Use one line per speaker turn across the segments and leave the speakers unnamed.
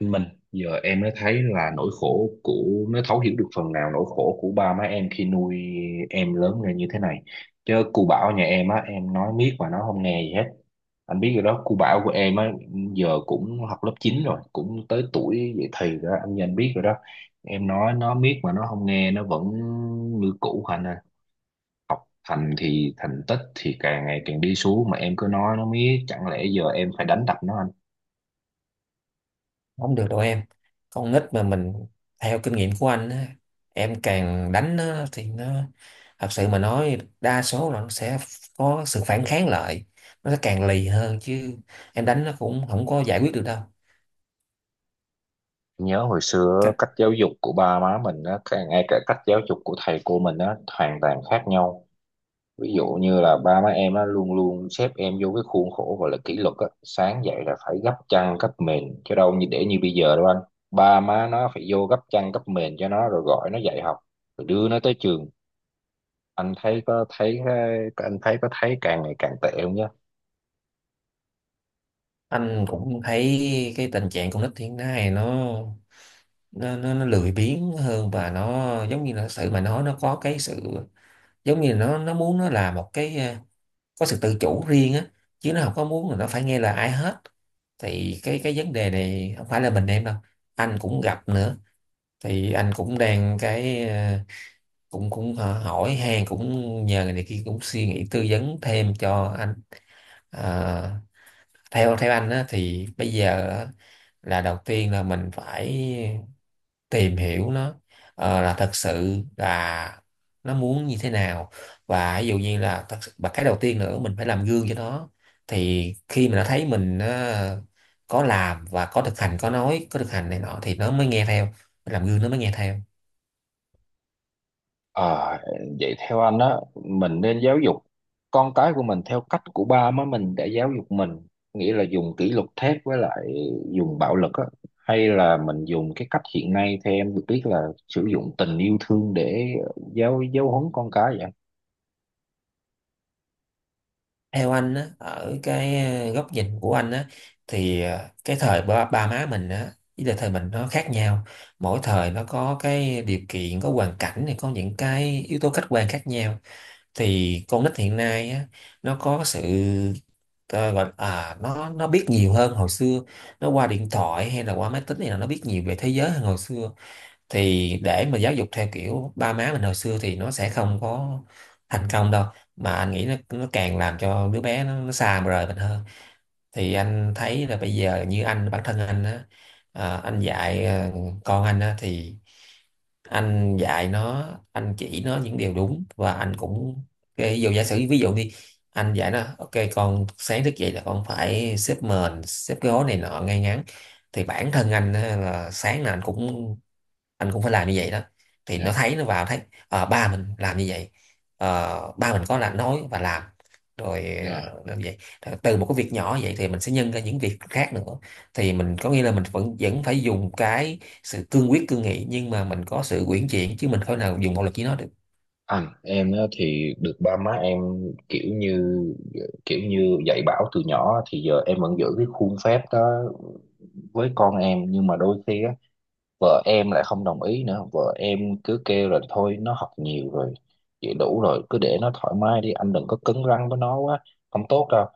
Mình. Giờ em mới thấy là nỗi khổ của nó thấu hiểu được phần nào nỗi khổ của ba má em khi nuôi em lớn lên như thế này. Chứ cu Bảo nhà em á, em nói miết mà nó không nghe gì hết. Anh biết rồi đó, cu Bảo của em á, giờ cũng học lớp 9 rồi, cũng tới tuổi dậy thì rồi đó anh biết rồi đó. Em nói nó miết mà nó không nghe, nó vẫn như cũ anh à. Thành tích thì càng ngày càng đi xuống, mà em cứ nói nó miết, chẳng lẽ giờ em phải đánh đập nó?
Không được đâu em. Con nít mà mình, theo kinh nghiệm của anh á, em càng đánh nó thì nó, thật sự mà nói đa số là nó sẽ có sự phản kháng lại, nó sẽ càng lì hơn chứ. Em đánh nó cũng không có giải quyết được đâu.
Nhớ hồi xưa
Các-
cách giáo dục của ba má mình á, ngay cả cách giáo dục của thầy cô mình á, hoàn toàn khác nhau. Ví dụ như là ba má em á, luôn luôn xếp em vô cái khuôn khổ gọi là kỷ luật á, sáng dậy là phải gấp chăn gấp mền, chứ đâu như để như bây giờ đâu anh. Ba má nó phải vô gấp chăn gấp mền cho nó, rồi gọi nó dậy học, rồi đưa nó tới trường. anh thấy có thấy anh thấy có thấy càng ngày càng tệ không nhá?
anh cũng thấy cái tình trạng con nít hiện nay nó, nó lười biếng hơn, và nó giống như là sự mà nói nó có cái sự giống như là nó muốn nó làm một cái có sự tự chủ riêng á, chứ nó không có muốn là nó phải nghe lời ai hết. Thì cái vấn đề này không phải là mình em đâu, anh cũng gặp nữa. Thì anh cũng đang cũng cũng ờ, hỏi han, cũng nhờ người này kia, cũng suy nghĩ tư vấn thêm cho anh. Ờ, theo theo anh á, thì bây giờ á, là đầu tiên là mình phải tìm hiểu nó, là thật sự là nó muốn như thế nào. Và ví dụ như là thật sự, và cái đầu tiên nữa, mình phải làm gương cho nó. Thì khi mà nó thấy mình có làm và có thực hành, có nói có thực hành này nọ thì nó mới nghe theo. Phải làm gương nó mới nghe theo.
À, vậy theo anh á, mình nên giáo dục con cái của mình theo cách của ba má mình đã giáo dục mình, nghĩa là dùng kỷ luật thép với lại dùng bạo lực á, hay là mình dùng cái cách hiện nay theo em được biết là sử dụng tình yêu thương để giáo giáo huấn con cái vậy?
Theo anh á, ở cái góc nhìn của anh á, thì cái thời ba má mình á với lại thời mình nó khác nhau. Mỗi thời nó có cái điều kiện, có hoàn cảnh này, có những cái yếu tố khách quan khác nhau. Thì con nít hiện nay á, nó có sự ờ, gọi à nó biết nhiều hơn hồi xưa. Nó qua điện thoại hay là qua máy tính này là nó biết nhiều về thế giới hơn hồi xưa. Thì để mà giáo dục theo kiểu ba má mình hồi xưa thì nó sẽ không có thành công đâu, mà anh nghĩ nó càng làm cho đứa bé nó xa rời mình hơn. Thì anh thấy là bây giờ như anh, bản thân anh á, anh dạy con anh á thì anh dạy nó, anh chỉ nó những điều đúng, và anh cũng cái ví dụ giả sử ví dụ đi, anh dạy nó ok con sáng thức dậy là con phải xếp mền xếp cái gối này nọ ngay ngắn, thì bản thân anh á, là sáng nào anh cũng phải làm như vậy đó. Thì nó
Dạ.
thấy nó vào thấy ba mình làm như vậy. Ba mình có là nói và làm. Rồi
Dạ.
làm vậy. Rồi từ một cái việc nhỏ vậy thì mình sẽ nhân ra những việc khác nữa. Thì mình có nghĩa là mình vẫn vẫn phải dùng cái sự cương quyết cương nghị, nhưng mà mình có sự uyển chuyển, chứ mình không thể nào dùng bạo lực với nó được.
Anh em á, thì được ba má em, kiểu như kiểu như dạy bảo từ nhỏ, thì giờ em vẫn giữ cái khuôn phép đó với con em, nhưng mà đôi khi á, vợ em lại không đồng ý nữa. Vợ em cứ kêu là thôi nó học nhiều rồi, vậy đủ rồi, cứ để nó thoải mái đi anh, đừng có cứng rắn với nó quá, không tốt đâu.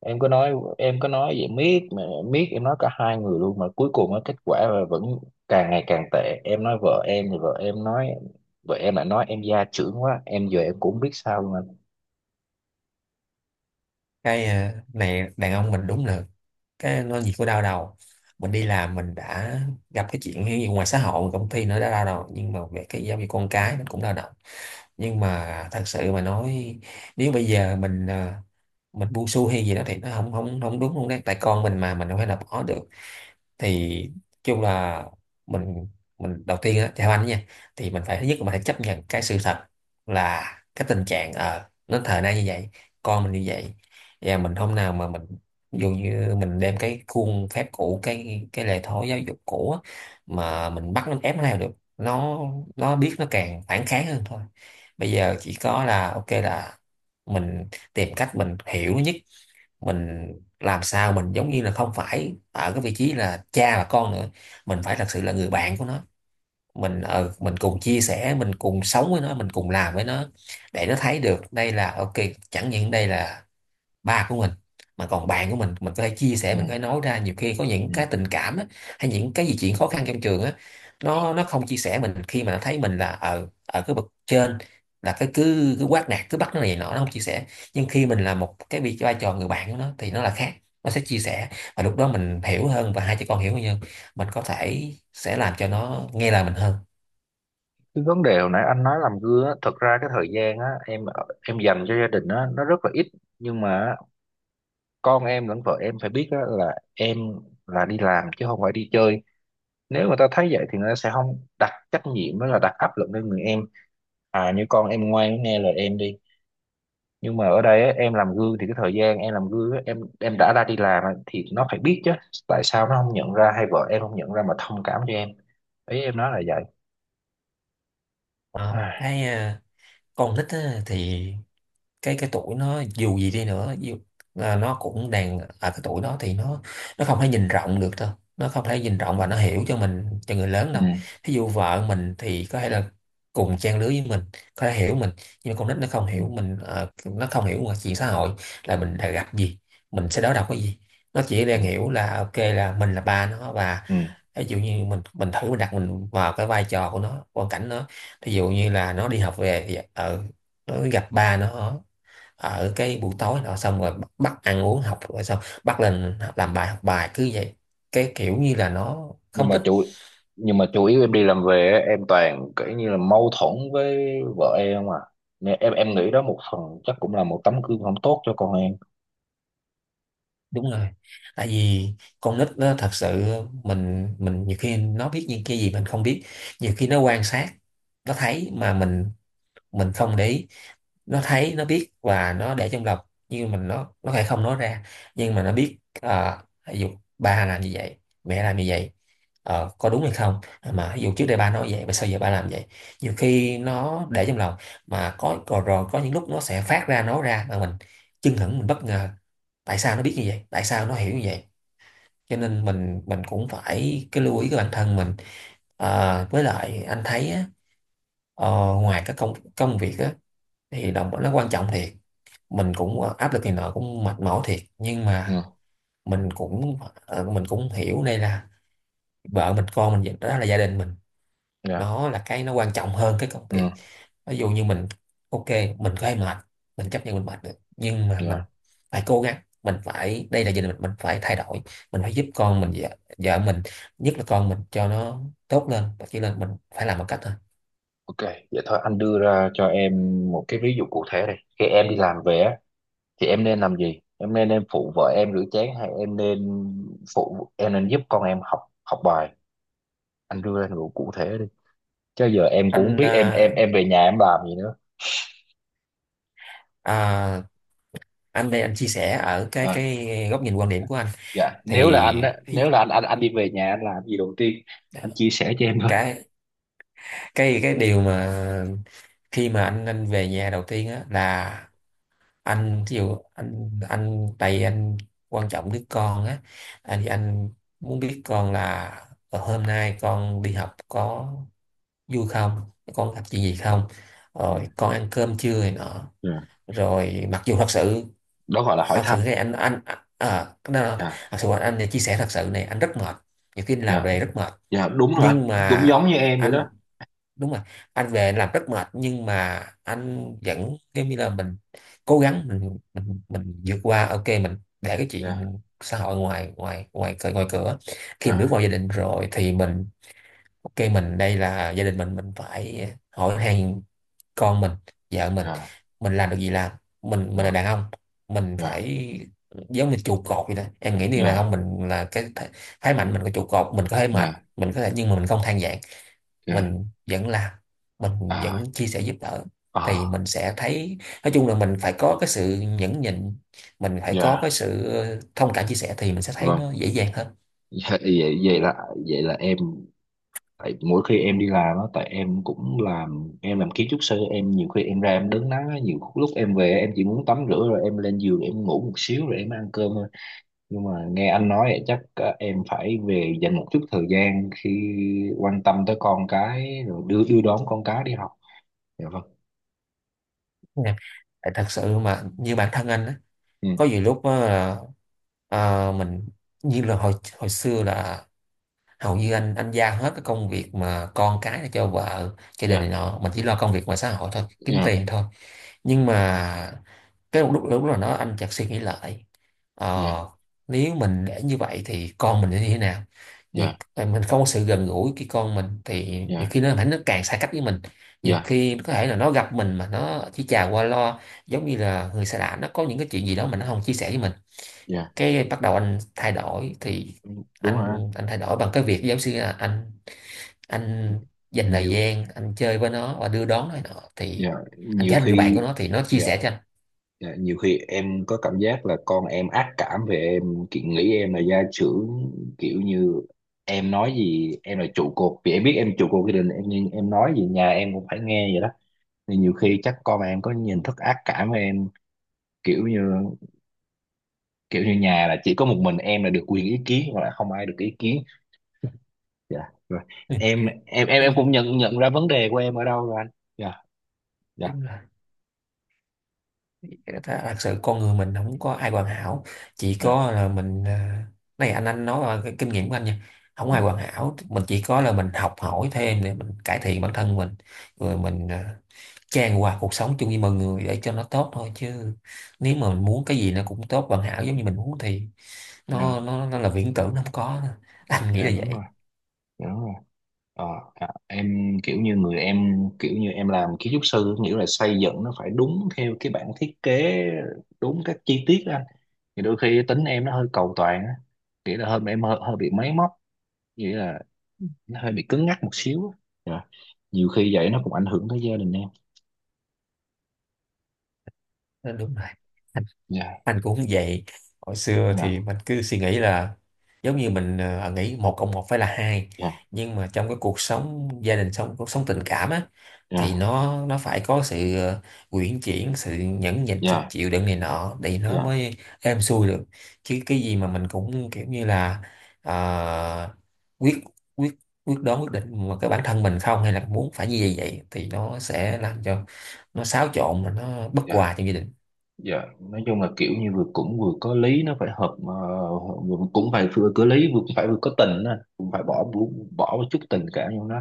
Em cứ nói vậy miết mà em nói cả hai người luôn, mà cuối cùng á, kết quả là vẫn càng ngày càng tệ. Em nói vợ em, thì vợ em lại nói em gia trưởng quá. Giờ em cũng không biết sao luôn anh.
Cái này đàn ông mình đúng là cái nó gì của đau đầu. Mình đi làm mình đã gặp cái chuyện như ngoài xã hội công ty nữa đã đau đầu, nhưng mà về cái giáo dục con cái nó cũng đau đầu. Nhưng mà thật sự mà nói, nếu bây giờ mình mình buông xuôi hay gì đó thì nó không không không đúng luôn đấy, tại con mình mà mình đâu phải là bỏ được. Thì chung là mình mình đầu tiên á theo anh nha, thì mình phải thứ nhất là mình phải chấp nhận cái sự thật, là cái tình trạng ờ nó thời nay như vậy, con mình như vậy. Và mình hôm nào mà mình ví dụ như mình đem cái khuôn phép cũ, cái lề thói giáo dục cũ á, mà mình bắt nó ép nó theo được, nó nó biết nó càng phản kháng hơn thôi. Bây giờ chỉ có là ok là mình tìm cách mình hiểu nó nhất, mình làm sao mình giống như là không phải ở cái vị trí là cha và con nữa, mình phải thật sự là người bạn của nó. Mình mình cùng chia sẻ, mình cùng sống với nó, mình cùng làm với nó, để nó thấy được đây là ok, chẳng những đây là ba của mình mà còn bạn của mình có thể chia sẻ,
Ừ.
mình có thể nói ra nhiều khi có những
Ừ.
cái tình cảm á, hay những cái gì chuyện khó khăn trong trường á. Nó không chia sẻ mình khi mà nó thấy mình là ở ở cái bậc trên, là cái cứ cứ quát nạt, cứ bắt nó này nọ, nó không chia sẻ. Nhưng khi mình là một cái vị vai trò người bạn của nó thì nó là khác, nó sẽ chia sẻ. Và lúc đó mình hiểu hơn, và hai chị con hiểu hơn, mình có thể sẽ làm cho nó nghe lời mình hơn.
Cái vấn đề hồi nãy anh nói làm gương á, thật ra cái thời gian á, em dành cho gia đình á nó rất là ít. Nhưng mà con em lẫn vợ em phải biết á, là em là đi làm chứ không phải đi chơi. Nếu người ta thấy vậy thì người ta sẽ không đặt trách nhiệm đó, là đặt áp lực lên người em. À như con em ngoan nghe lời em đi. Nhưng mà ở đây á, em làm gương, thì cái thời gian em làm gương á, em đã ra đi làm á, thì nó phải biết chứ. Tại sao nó không nhận ra, hay vợ em không nhận ra mà thông cảm cho em? Ý em nói là vậy.
Ờ,
À.
cái ờ, con nít á, thì cái tuổi nó dù gì đi nữa là nó cũng đang ở cái tuổi đó thì nó không thể nhìn rộng được đâu. Nó không thể nhìn rộng,
Ừ.
và nó hiểu cho mình cho người lớn
Ừ.
đâu. Ví dụ vợ mình thì có thể là cùng trang lứa với mình, có thể hiểu mình, nhưng mà con nít nó không
Ừ.
hiểu mình. Ờ, nó không hiểu ngoài chuyện xã hội là mình đã gặp gì, mình sẽ đối đầu cái gì. Nó chỉ
Ừ.
đang hiểu là ok là mình là ba nó, và
Ừ.
ví dụ như mình thử mình đặt mình vào cái vai trò của nó, hoàn cảnh nó. Ví dụ như là nó đi học về thì ở, nó gặp ba nó ở cái buổi tối nọ, xong rồi bắt ăn uống, học rồi xong bắt lên làm bài học bài cứ vậy, cái kiểu như là nó
nhưng
không
mà
thích.
chủ nhưng mà chủ yếu em đi làm về á, em toàn kiểu như là mâu thuẫn với vợ em à, nên em nghĩ đó một phần chắc cũng là một tấm gương không tốt cho con em.
Đúng rồi, tại vì con nít nó thật sự, mình nhiều khi nó biết những cái gì mình không biết. Nhiều khi nó quan sát, nó thấy mà mình không để ý. Nó thấy nó biết và nó để trong lòng, nhưng mình nó lại không nói ra. Nhưng mà nó biết ví dụ ba làm như vậy, mẹ làm như vậy, có đúng hay không, mà ví dụ trước đây ba nói vậy mà sao giờ ba làm vậy. Nhiều khi nó để trong lòng, mà có rồi có những lúc nó sẽ phát ra nói ra, mà mình chưng hửng mình bất ngờ, tại sao nó biết như vậy, tại sao nó hiểu như vậy. Cho nên mình cũng phải cái lưu ý cái bản thân mình. Ờ, với lại anh thấy á, ờ, ngoài các công công việc á, thì đồng nó quan trọng thiệt. Mình cũng áp lực này nọ cũng mệt mỏi thiệt, nhưng mà
Ừ.
mình cũng mình cũng hiểu đây là vợ mình con mình, đó là gia đình mình,
Dạ.
nó là cái nó quan trọng hơn cái công
Ừ.
việc. Ví dụ như mình ok, mình có hay mệt, mình chấp nhận mình mệt được, nhưng mà mình
Dạ.
phải cố gắng. Mình phải đây là gia đình mình phải thay đổi, mình phải giúp con mình, vợ mình, nhất là con mình, cho nó tốt lên và chỉ lên, mình phải làm một cách thôi.
Ok, vậy thôi anh đưa ra cho em một cái ví dụ cụ thể đi. Khi em đi làm về á, thì em nên làm gì? Em nên phụ vợ em rửa chén, hay em nên em nên giúp con em học học bài? Anh đưa ra một cụ thể đi, chứ giờ em cũng không
Anh
biết về nhà em làm gì nữa.
à, anh đây anh chia sẻ ở cái
À,
cái góc nhìn quan điểm của anh,
dạ,
thì
nếu là anh anh đi về nhà anh làm gì đầu tiên? Anh chia sẻ cho em thôi.
cái cái cái điều mà khi mà anh về nhà đầu tiên á là anh ví dụ anh tại vì anh quan trọng đứa con á, anh thì anh muốn biết con là hôm nay con đi học có vui không, con gặp chuyện gì không, rồi
Ừ.
con ăn cơm chưa này nọ.
Dạ,
Rồi mặc dù thật sự,
đó gọi là
à,
hỏi
thật sự
thăm.
này cái đó là-
Dạ.
thật sự anh chia sẻ thật sự này anh rất mệt. Nhiều khi làm
Dạ.
về rất mệt,
Dạ đúng rồi anh,
nhưng
cũng
mà
giống như em vậy
anh,
đó.
đúng rồi, anh về làm rất mệt, nhưng mà anh vẫn giống như là mình cố gắng, mình vượt qua ok, mình để cái chuyện
Dạ.
xã hội ngoài ngoài cửa. Khi mình bước
Dạ.
vào gia đình rồi thì mình ok, mình đây là gia đình mình phải hỏi hàng con mình, vợ mình.
Dạ.
Mình làm được gì làm, mình là đàn ông, mình
Dạ.
phải giống như trụ cột vậy đó. Em nghĩ như đàn ông
Dạ.
mình là cái phái mạnh, mình có trụ cột, mình có thể mệt,
Dạ. Dạ.
mình có thể, nhưng mà mình không than vãn.
Dạ.
Mình vẫn làm, mình
À.
vẫn chia sẻ giúp đỡ, thì
À.
mình sẽ thấy. Nói chung là mình phải có cái sự nhẫn nhịn, mình phải có cái
Dạ
sự thông cảm chia sẻ, thì mình sẽ thấy
vâng.
nó dễ dàng hơn.
Dạ, vậy vậy là em, tại mỗi khi em đi làm á, tại em cũng làm, em làm kiến trúc sư, em nhiều khi em ra em đứng nắng á, nhiều lúc em về em chỉ muốn tắm rửa rồi em lên giường em ngủ một xíu rồi em ăn cơm thôi. Nhưng mà nghe anh nói vậy chắc em phải về dành một chút thời gian khi quan tâm tới con cái, rồi đưa đưa đón con cái đi học. Dạ vâng.
Nè, tại thật sự mà như bản thân anh á,
Ừ.
có nhiều lúc á là mình như là hồi hồi xưa là hầu như anh giao hết cái công việc mà con cái cho vợ, gia đình này
Dạ.
nọ, mình chỉ lo công việc ngoài xã hội thôi, kiếm
Dạ.
tiền thôi. Nhưng mà cái lúc lúc là nó anh chợt suy nghĩ lại, ờ,
Dạ.
nếu mình để như vậy thì con mình sẽ như thế nào. nhiều,
Dạ.
mình không có sự gần gũi cái con mình thì nhiều
Dạ.
khi nó càng xa cách với mình. Nhiều
Dạ.
khi có thể là nó gặp mình mà nó chỉ chào qua loa, giống như là người xa lạ, nó có những cái chuyện gì đó mà nó không chia sẻ với mình.
Dạ.
Cái bắt đầu anh thay đổi thì
Ừ, đúng rồi anh.
anh thay đổi bằng cái việc giáo sư là anh dành thời
Nhiều.
gian anh chơi với nó và đưa đón nó nọ, thì
Dạ.
anh
Nhiều
trở thành người bạn của
khi.
nó thì nó chia
Dạ.
sẻ cho anh.
Dạ. Nhiều khi em có cảm giác là con em ác cảm về em, kiểu nghĩ em là gia trưởng, kiểu như em nói gì... Em là trụ cột, vì em biết em trụ cột gia đình em, nhưng em nói gì nhà em cũng phải nghe vậy đó. Thì nhiều khi chắc con em có nhìn thức ác cảm với em, kiểu như, kiểu như nhà là chỉ có một mình em là được quyền ý kiến, hoặc là không ai được ý kiến. Dạ rồi.
Ừ,
Em
đúng,
cũng nhận nhận ra vấn đề của em ở đâu rồi anh. Dạ. Dạ.
đúng là thật sự con người mình không có ai hoàn hảo, chỉ
Dạ.
có là mình này anh nói là cái kinh nghiệm của anh nha, không
Dạ.
ai hoàn hảo, mình chỉ có là mình học hỏi thêm để mình cải thiện bản thân mình. Rồi mình trang hòa cuộc sống chung với mọi người để cho nó tốt thôi. Chứ nếu mà mình muốn cái gì nó cũng tốt hoàn hảo giống như mình muốn, thì
Dạ.
nó là viễn tưởng, nó không có. Anh nghĩ
Dạ
là
đúng rồi.
vậy.
Dạ đúng rồi. ờ, em kiểu như người, em kiểu như em làm kiến trúc sư, nghĩa là xây dựng nó phải đúng theo cái bản thiết kế, đúng các chi tiết đó anh. Thì đôi khi tính em nó hơi cầu toàn á, nghĩa là em hơi bị máy móc, nghĩa là nó hơi bị cứng nhắc một xíu á. Dạ. Nhiều khi vậy nó cũng ảnh hưởng tới gia đình em.
Nó đúng rồi,
Dạ.
anh cũng vậy. Hồi xưa
Dạ.
thì mình cứ suy nghĩ là giống như mình nghĩ một cộng một phải là hai.
Dạ.
Nhưng mà trong cái cuộc sống gia đình, sống cuộc sống tình cảm á, thì
Dạ.
nó phải có sự uyển chuyển, sự nhẫn nhịn, sự
Dạ.
chịu đựng này nọ để nó
Dạ.
mới êm xuôi được. Chứ cái gì mà mình cũng kiểu như là ờ, quyết quyết quyết đoán, quyết định, mà cái bản thân mình không hay là muốn phải như vậy vậy, thì nó sẽ làm cho nó xáo trộn, mà nó bất
Dạ.
hòa trong gia đình.
Dạ, nói chung là kiểu như vừa cũng vừa có lý, nó phải hợp cũng phải vừa có lý, vừa cũng phải vừa có tình đó. Cũng phải bỏ bỏ bỏ một chút tình cảm vô nó.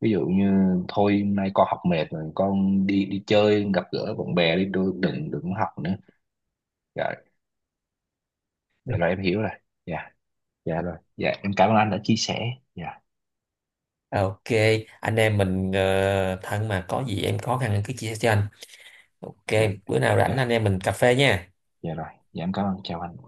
Ví dụ như thôi hôm nay con học mệt rồi, con đi đi chơi gặp gỡ bạn bè đi đôi, đừng đừng học nữa. Dạ. Dạ rồi em hiểu rồi. Dạ. Dạ rồi. Dạ em cảm ơn anh đã chia sẻ. Dạ.
Ok, anh em mình thân mà có gì em khó khăn em cứ chia sẻ cho anh. Ok,
Dạ.
bữa nào
Dạ.
rảnh anh em mình cà phê nha.
Dạ rồi. Dạ em cảm ơn, chào anh.